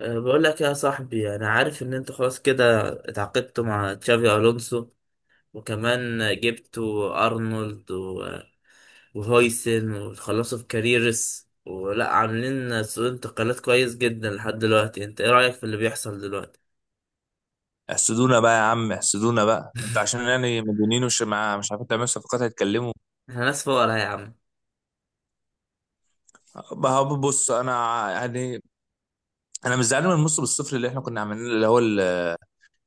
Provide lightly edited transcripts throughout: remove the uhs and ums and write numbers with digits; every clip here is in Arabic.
بقول لك يا صاحبي، انا عارف ان انت خلاص كده اتعاقدت مع تشافي الونسو، وكمان جبتوا وهويسن وخلصوا في كاريرس، ولا عاملين سوق انتقالات كويس جدا لحد دلوقتي. انت ايه رأيك في اللي بيحصل دلوقتي؟ احسدونا بقى يا عم، احسدونا بقى. انت عشان يعني مديونين ومش مع مش عارفين تعملوا صفقات هيتكلموا. احنا ناس فقراء يا عم. بقى بص، انا يعني انا مش زعلان من الموسم الصفر اللي احنا كنا عاملينه، اللي هو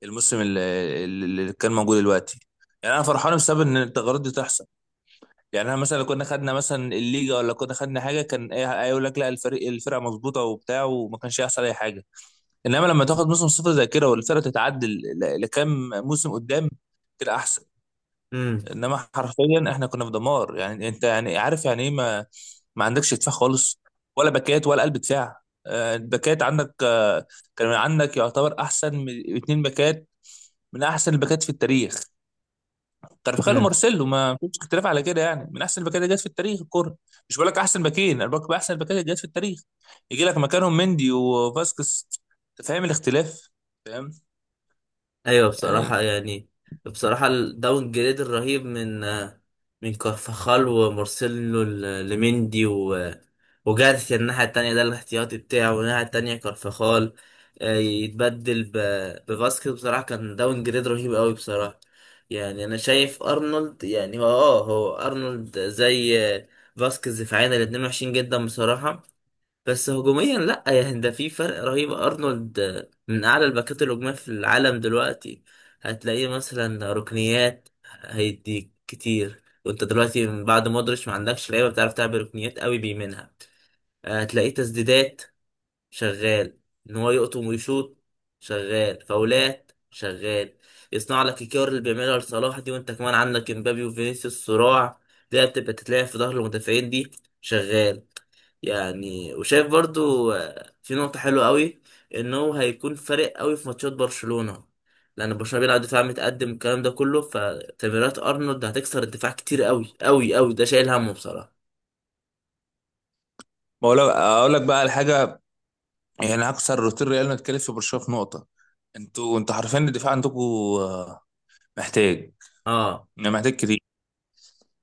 الموسم اللي كان موجود دلوقتي. يعني انا فرحان بسبب ان التغيرات دي تحصل. يعني انا مثلا لو كنا خدنا مثلا الليجا ولا كنا خدنا حاجه، كان ايه؟ يقول لك لا، الفريق الفرقه مظبوطه وبتاع، وما كانش هيحصل اي حاجه. انما لما تاخد موسم صفر زي كده والفرقه تتعدل لكام موسم قدام، كده احسن. انما حرفيا احنا كنا في دمار. يعني انت يعني عارف يعني ايه، ما عندكش دفاع خالص، ولا باكات ولا قلب دفاع. آه، الباكات عندك. آه، كان عندك يعتبر احسن من اتنين باكات، من احسن الباكات في التاريخ. كارفخال امم ومارسيلو، ما فيش اختلاف على كده، يعني من احسن الباكات اللي جت في التاريخ الكوره. مش بقول لك احسن باكين، انا بقول لك احسن الباكات اللي جت في التاريخ. يجي لك مكانهم مندي وفاسكس، انت فاهم الاختلاف؟ فاهم. ايوه بصراحة، يعني يعني بصراحة الداون جريد الرهيب من من كارفاخال ومارسيلو لمندي وجارسيا الناحية التانية، ده الاحتياطي بتاعه، والناحية التانية كارفاخال يتبدل بفاسكيز، بصراحة كان داون جريد رهيب قوي بصراحة. يعني أنا شايف أرنولد، يعني هو أرنولد زي فاسكيز في عينه، الاتنين وحشين جدا بصراحة. بس هجوميا لا، يعني ده في فرق رهيب، ارنولد من اعلى الباكات الهجوميه في العالم دلوقتي. هتلاقيه مثلا ركنيات هيديك كتير، وانت دلوقتي من بعد مودريتش ما عندكش لعيبه بتعرف تعمل ركنيات قوي بيمينها. هتلاقيه تسديدات، شغال ان هو يقطم ويشوط، شغال فاولات، شغال يصنع لك الكور اللي بيعملها لصلاح دي، وانت كمان عندك امبابي وفينيسيوس صراع. دي بتبقى تتلعب في ظهر المدافعين دي، شغال. يعني وشايف برضو في نقطة حلوة قوي، ان هو هيكون فارق قوي في ماتشات برشلونة، لان برشلونة بيلعب دفاع متقدم الكلام ده كله، فتمريرات ارنولد هتكسر الدفاع كتير قوي قوي قوي، ده شايل همه بصراحة. ما هو اقول لك بقى على حاجه. يعني اكثر روتين ريال متكلف في برشلونه في نقطه. انتوا عارفين ان الدفاع عندكم آه، محتاج، اه يعني محتاج كتير.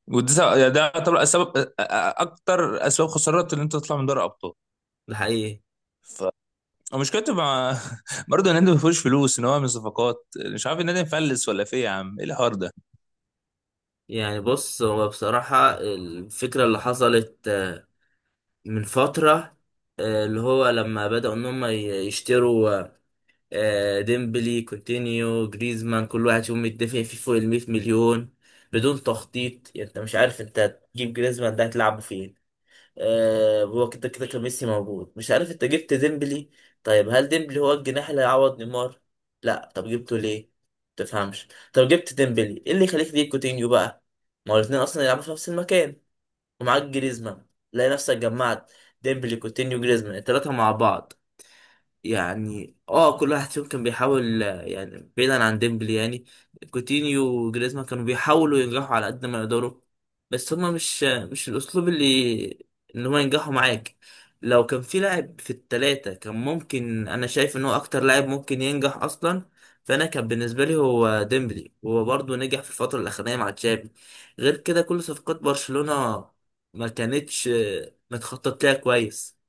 وده يعني ده طبعا السبب آه، آه، اكتر اسباب خسارات ان انت تطلع من دوري ابطال. ده حقيقي. ف ومشكلته مع برضه النادي ما فيهوش فلوس، ان هو من صفقات. مش عارف النادي مفلس ولا في إيه يا عم، ايه الحوار ده؟ يعني بص، هو بصراحة الفكرة اللي حصلت من فترة، اللي هو لما بدأوا ان هم يشتروا ديمبلي كوتينيو جريزمان، كل واحد فيهم متدافع فيه فوق ال 100 مليون بدون تخطيط. يعني انت مش عارف انت هتجيب جريزمان ده هتلعبه فين، هو كده كده كان ميسي موجود، مش عارف انت جبت ديمبلي، طيب هل ديمبلي هو الجناح اللي هيعوض نيمار؟ لا، طب جبته ليه؟ تفهمش. طب جبت ديمبلي، ايه اللي يخليك تجيب كوتينيو بقى؟ ما هو الاثنين اصلا يلعبوا في نفس المكان، ومعاك جريزمان. تلاقي نفسك جمعت ديمبلي كوتينيو جريزمان الثلاثه مع بعض. يعني اه كل واحد فيهم كان بيحاول يعني بعيدا عن ديمبلي، يعني كوتينيو وجريزمان كانوا بيحاولوا ينجحوا على قد ما يقدروا، بس هما مش الاسلوب اللي ان هما ينجحوا معاك. لو كان في لاعب في التلاتة كان ممكن، انا شايف ان هو اكتر لاعب ممكن ينجح اصلا فانا كان بالنسبة لي هو ديمبلي، وهو برضه نجح في الفترة الاخرانية مع تشافي. غير كده كل صفقات برشلونة ما كانتش متخطط لها كويس.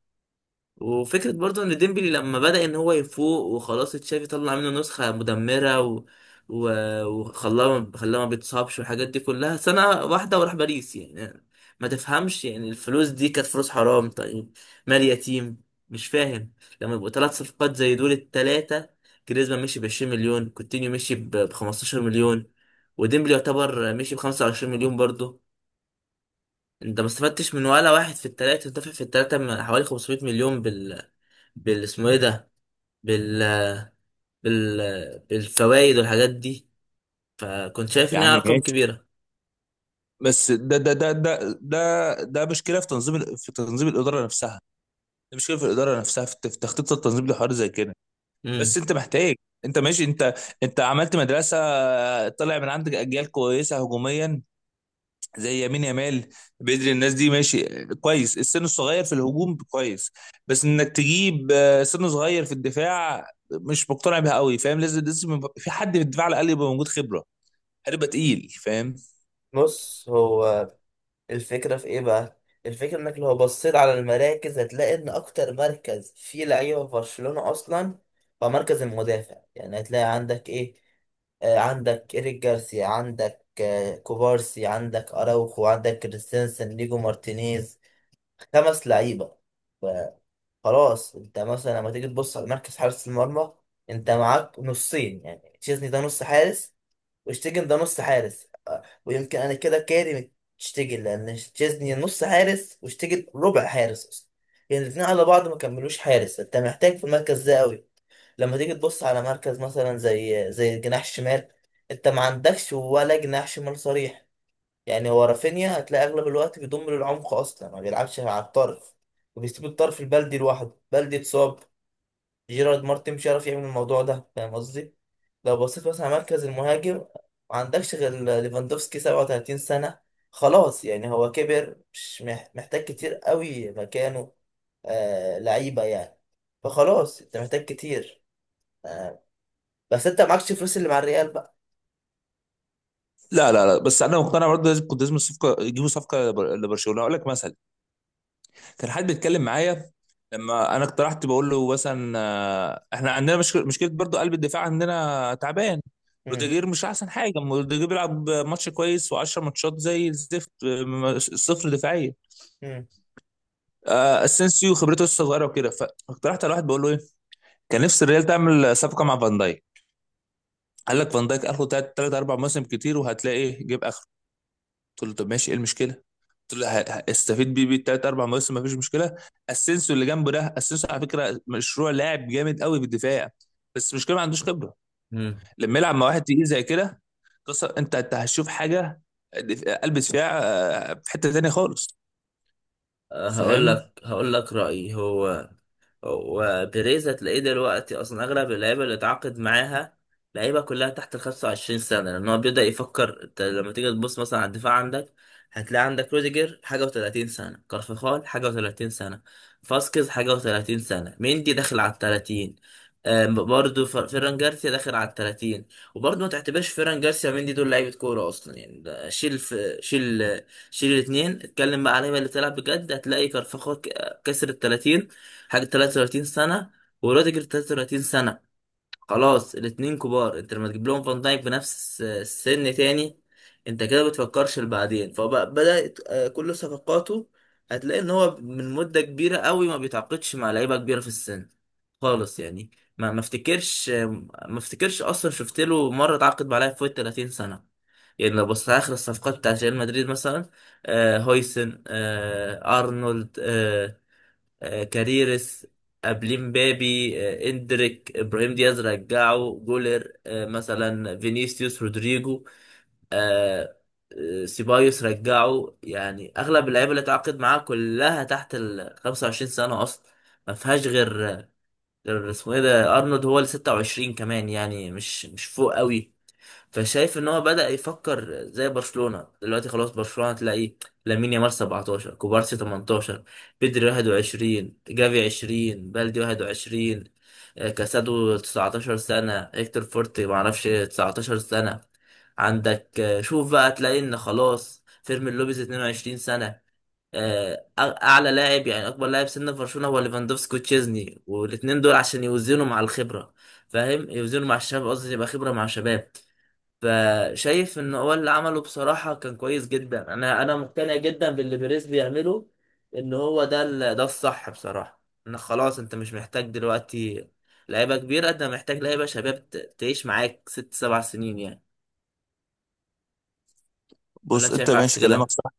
وفكرة برضو ان ديمبلي لما بدأ ان هو يفوق وخلاص، تشافي طلع منه نسخة مدمرة و... وخلاه ما بيتصابش والحاجات دي كلها سنة واحدة، وراح باريس يعني. ما تفهمش يعني الفلوس دي كانت فلوس حرام، طيب مال يتيم، مش فاهم. لما يبقوا ثلاث صفقات زي دول التلاتة، جريزمان مشي ب 20 مليون، كوتينيو مشي ب 15 مليون، وديمبلي يعتبر مشي ب 25 مليون برضه. انت ما استفدتش من ولا واحد في التلاتة، انت دافع في التلاتة حوالي 500 مليون بال اسمه ايه ده بال بال بالفوائد والحاجات دي. فكنت شايف يا عم انها ارقام ماشي، كبيره. بس ده مشكله في تنظيم في تنظيم الاداره نفسها. ده مشكله في الاداره نفسها، في تخطيط التنظيم لحوار زي كده. بس امم انت محتاج، انت ماشي، انت عملت مدرسه، طلع من عندك اجيال كويسه هجوميا زي يمين يامال. بدري، الناس دي ماشي كويس، السن الصغير في الهجوم كويس. بس انك تجيب آه، سن صغير في الدفاع مش مقتنع بيها قوي. فاهم؟ لازم يبقى في حد في الدفاع، على الاقل يبقى موجود خبره، هتبقى تقيل. فاهم؟ بص هو الفكرة في ايه بقى؟ الفكرة انك لو بصيت على المراكز، هتلاقي ان اكتر مركز فيه لعيبة في برشلونة اصلا هو مركز المدافع. يعني هتلاقي عندك ايه؟ عندك إيريك جارسيا، عندك كوبارسي، عندك أراوخو، عندك كريستنسن، ليجو مارتينيز، خمس لعيبة. خلاص. انت مثلا لما تيجي تبص على مركز حارس المرمى، انت معاك نصين، يعني تشيزني ده نص حارس، وشتيجن ده نص حارس، اه، ويمكن انا كده كارم شتيجن، لان تشيزني نص حارس وشتيجن ربع حارس اصلا. يعني الاثنين على بعض ما كملوش حارس، انت محتاج في المركز ده قوي. لما تيجي تبص على مركز مثلا زي الجناح الشمال، انت ما عندكش ولا جناح شمال صريح. يعني هو رافينيا هتلاقي اغلب الوقت بيضم للعمق اصلا ما بيلعبش مع الطرف، وبيسيب الطرف البلدي لوحده، بلدي اتصاب، جيرارد مارتن مش عارف يعمل الموضوع ده، فاهم قصدي؟ لو بصيت مثلا على مركز المهاجم، ما عندكش غير ليفاندوفسكي 37 سنة، خلاص يعني هو كبر، مش مح- محتاج كتير قوي مكانه آه لعيبة يعني. فخلاص انت محتاج كتير آه، بس انت معكش فلوس اللي مع الريال بقى. لا، بس انا مقتنع برضه لازم، كنت لازم الصفقه يجيبوا صفقه لبرشلونه. اقول لك مثلا، كان حد بيتكلم معايا لما انا اقترحت، بقول له مثلا آه، احنا عندنا مشكله، برضو قلب الدفاع عندنا تعبان. مم. روديجير مش احسن حاجه، روديجير بيلعب ماتش كويس و10 ماتشات زي الزفت. آه، صفر دفاعيه. مم. آه، اسينسيو خبرته لسه صغيره وكده. فاقترحت على واحد، بقول له ايه، كان نفسي الريال تعمل صفقه مع فان دايك. قال لك فان دايك اخره ثلاث اربع مواسم كتير، وهتلاقي إيه، جيب اخره. قلت له طب ماشي، ايه المشكله؟ قلت له هستفيد بيه تلات اربع مواسم مفيش مشكله. اسينسيو اللي جنبه ده، اسينسيو على فكره مشروع لاعب جامد قوي في الدفاع، بس المشكله ما عندوش خبره. مم. لما يلعب مع واحد تقيل زي كده، قصه انت هتشوف حاجه. قلب دفاع آه، في حته تانيه خالص. فاهم. هقول لك رأيي. هو وبيريزا تلاقيه دلوقتي اصلا اغلب اللعيبه اللي اتعاقد معاها لعيبه كلها تحت ال 25 سنه، لان هو بيبدا يفكر. انت لما تيجي تبص مثلا على الدفاع، عندك هتلاقي عندك روديجر حاجه و30 سنه، كارفخال حاجه و30 سنه، فاسكيز حاجه و30 سنه، ميندي داخل على ال 30، برضه فيران جارسيا داخل على ال 30. وبرضه ما تعتبرش فيران جارسيا ميندي دول لعيبه كوره اصلا، يعني ده شيل في شيل، شيل الاثنين. اتكلم بقى على اللعيبة اللي بتلعب بجد، هتلاقي كارفخال كسر ال 30 حاجة 33 سنة، وروديجر 33 سنة، خلاص الاتنين كبار. انت لما تجيب لهم فان دايك بنفس السن تاني، انت كده بتفكرش لبعدين. فبدأت كل صفقاته هتلاقي ان هو من مدة كبيرة قوي ما بيتعاقدش مع لعيبة كبيرة في السن خالص، يعني ما افتكرش آه، ما افتكرش اصلا شفت له مرة اتعاقد مع لاعب فوق ال 30 سنة. يعني لو بصيت على اخر الصفقات بتاعت ريال مدريد مثلا، آه هويسن، آه ارنولد، كاريرس، قبليه مبابي، اندريك، ابراهيم دياز رجعه، جولر، مثلا فينيسيوس، رودريجو، آه، سيبايوس رجعه. يعني اغلب اللعيبه اللي اتعاقد معاها كلها تحت ال 25 سنه اصلا، ما فيهاش غير اسمه ايه ده ارنولد، هو ال 26، كمان يعني مش فوق قوي. فشايف ان هو بدأ يفكر زي برشلونة دلوقتي. خلاص برشلونة تلاقي لامين يامال 17، كوبارسي 18، بيدري 21، جافي 20، بلدي 21، كاسادو 19 سنة، هيكتور فورتي معرفش 19 سنة، عندك شوف بقى تلاقي ان خلاص، فيرمين لوبيز 22 سنة. اعلى لاعب، يعني اكبر لاعب سن في برشلونة، هو ليفاندوفسكي وتشيزني، والاتنين دول عشان يوزنوا مع الخبرة، فاهم؟ يوزنوا مع الشباب قصدي، يبقى خبرة مع شباب. فشايف ان هو اللي عمله بصراحة كان كويس جدا، انا مقتنع جدا باللي بيريز بيعمله، ان هو ده ده الصح بصراحة، ان خلاص انت مش محتاج دلوقتي لعيبة كبيرة، انت محتاج لعيبة شباب تعيش معاك ست سبع سنين يعني. ولا بص انت انت شايف عكس ماشي كلامك كده؟ صح.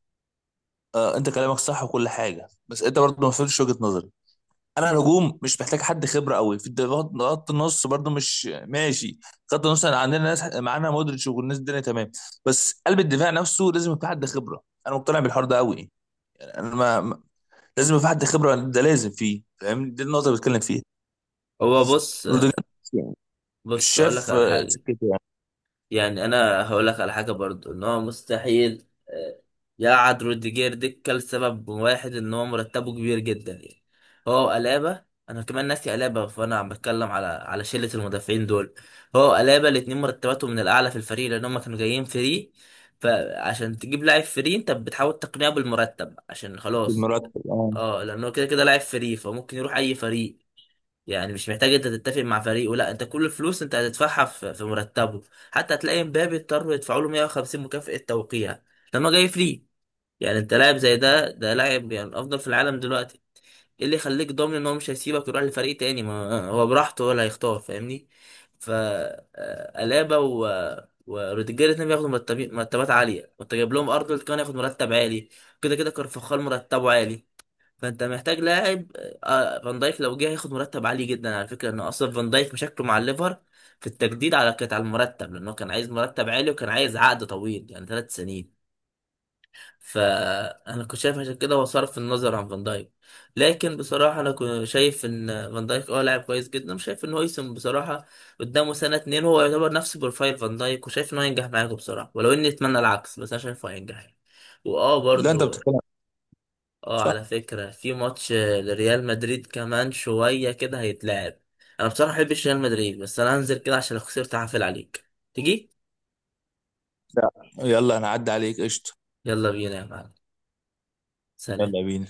آه، انت كلامك صح وكل حاجه، بس انت برضه ما فهمتش وجهه نظري. انا نجوم مش محتاج حد خبره قوي في الدفاع، خط النص برضو مش ماشي. خط النص، أنا عندنا ناس، معانا مودريتش والناس الدنيا تمام. بس قلب الدفاع نفسه لازم يبقى حد خبره. انا مقتنع بالحوار ده قوي يعني. انا ما ما- لازم يبقى حد خبره ده، لازم فيه. فاهم؟ دي النقطه اللي بتكلم فيها. هو بص روديجر مش بص اقول لك شاف على آه، حاجة، سكته يعني. يعني انا هقول لك على حاجه برضو، ان هو مستحيل يقعد روديجير دكه لسبب واحد، ان هو مرتبه كبير جدا يعني. هو الابا، انا كمان ناسي الابا، فانا عم بتكلم على شله المدافعين دول. هو الابا الاتنين مرتباتهم من الاعلى في الفريق، لان هم كانوا جايين فري. فعشان تجيب لاعب فري انت بتحاول تقنعه بالمرتب عشان خلاص، بالمرتب اه. اه لانه كده كده لاعب فري فممكن يروح اي فريق. يعني مش محتاج انت تتفق مع فريقه، لا انت كل الفلوس انت هتدفعها في مرتبه. حتى هتلاقي مبابي اضطروا يدفعوا له 150 مكافأة توقيع لما جاي فري. يعني انت لاعب زي ده، ده لاعب يعني الافضل في العالم دلوقتي، ايه اللي يخليك ضامن ان هو مش هيسيبك يروح لفريق تاني؟ ما هو براحته هو اللي هيختار، فاهمني؟ ف الابا وروديجير الاثنين بياخدوا مرتبات عاليه، وانت جايب لهم ارنولد كمان ياخد مرتب عالي، كده كده كارفاخال مرتبه عالي. فانت محتاج لاعب فان دايك لو جه هياخد مرتب عالي جدا. على فكره انه اصلا فان دايك مشاكله مع الليفر في التجديد على كانت على المرتب، لانه كان عايز مرتب عالي وكان عايز عقد طويل يعني ثلاث سنين. فانا كنت شايف عشان كده هو صرف النظر عن فان دايك. لكن بصراحه انا كنت شايف ان فان دايك اه لاعب كويس جدا، وشايف ان هويسن بصراحه قدامه سنه اتنين هو يعتبر نفس بروفايل فان دايك، وشايف انه هينجح معاكم بصراحه، ولو اني اتمنى العكس، بس انا شايفه هينجح يعني. واه لا انت برضو بتتكلم. اه صح. على فكرة، في ماتش لريال مدريد كمان شوية كده هيتلعب. انا بصراحة مبحبش ريال مدريد، بس انا هنزل كده عشان لو خسرت هعفل عليك. تيجي؟ لا، يلا انا عدى عليك قشطه. يلا بينا يا معلم. سلام. يلا بينا.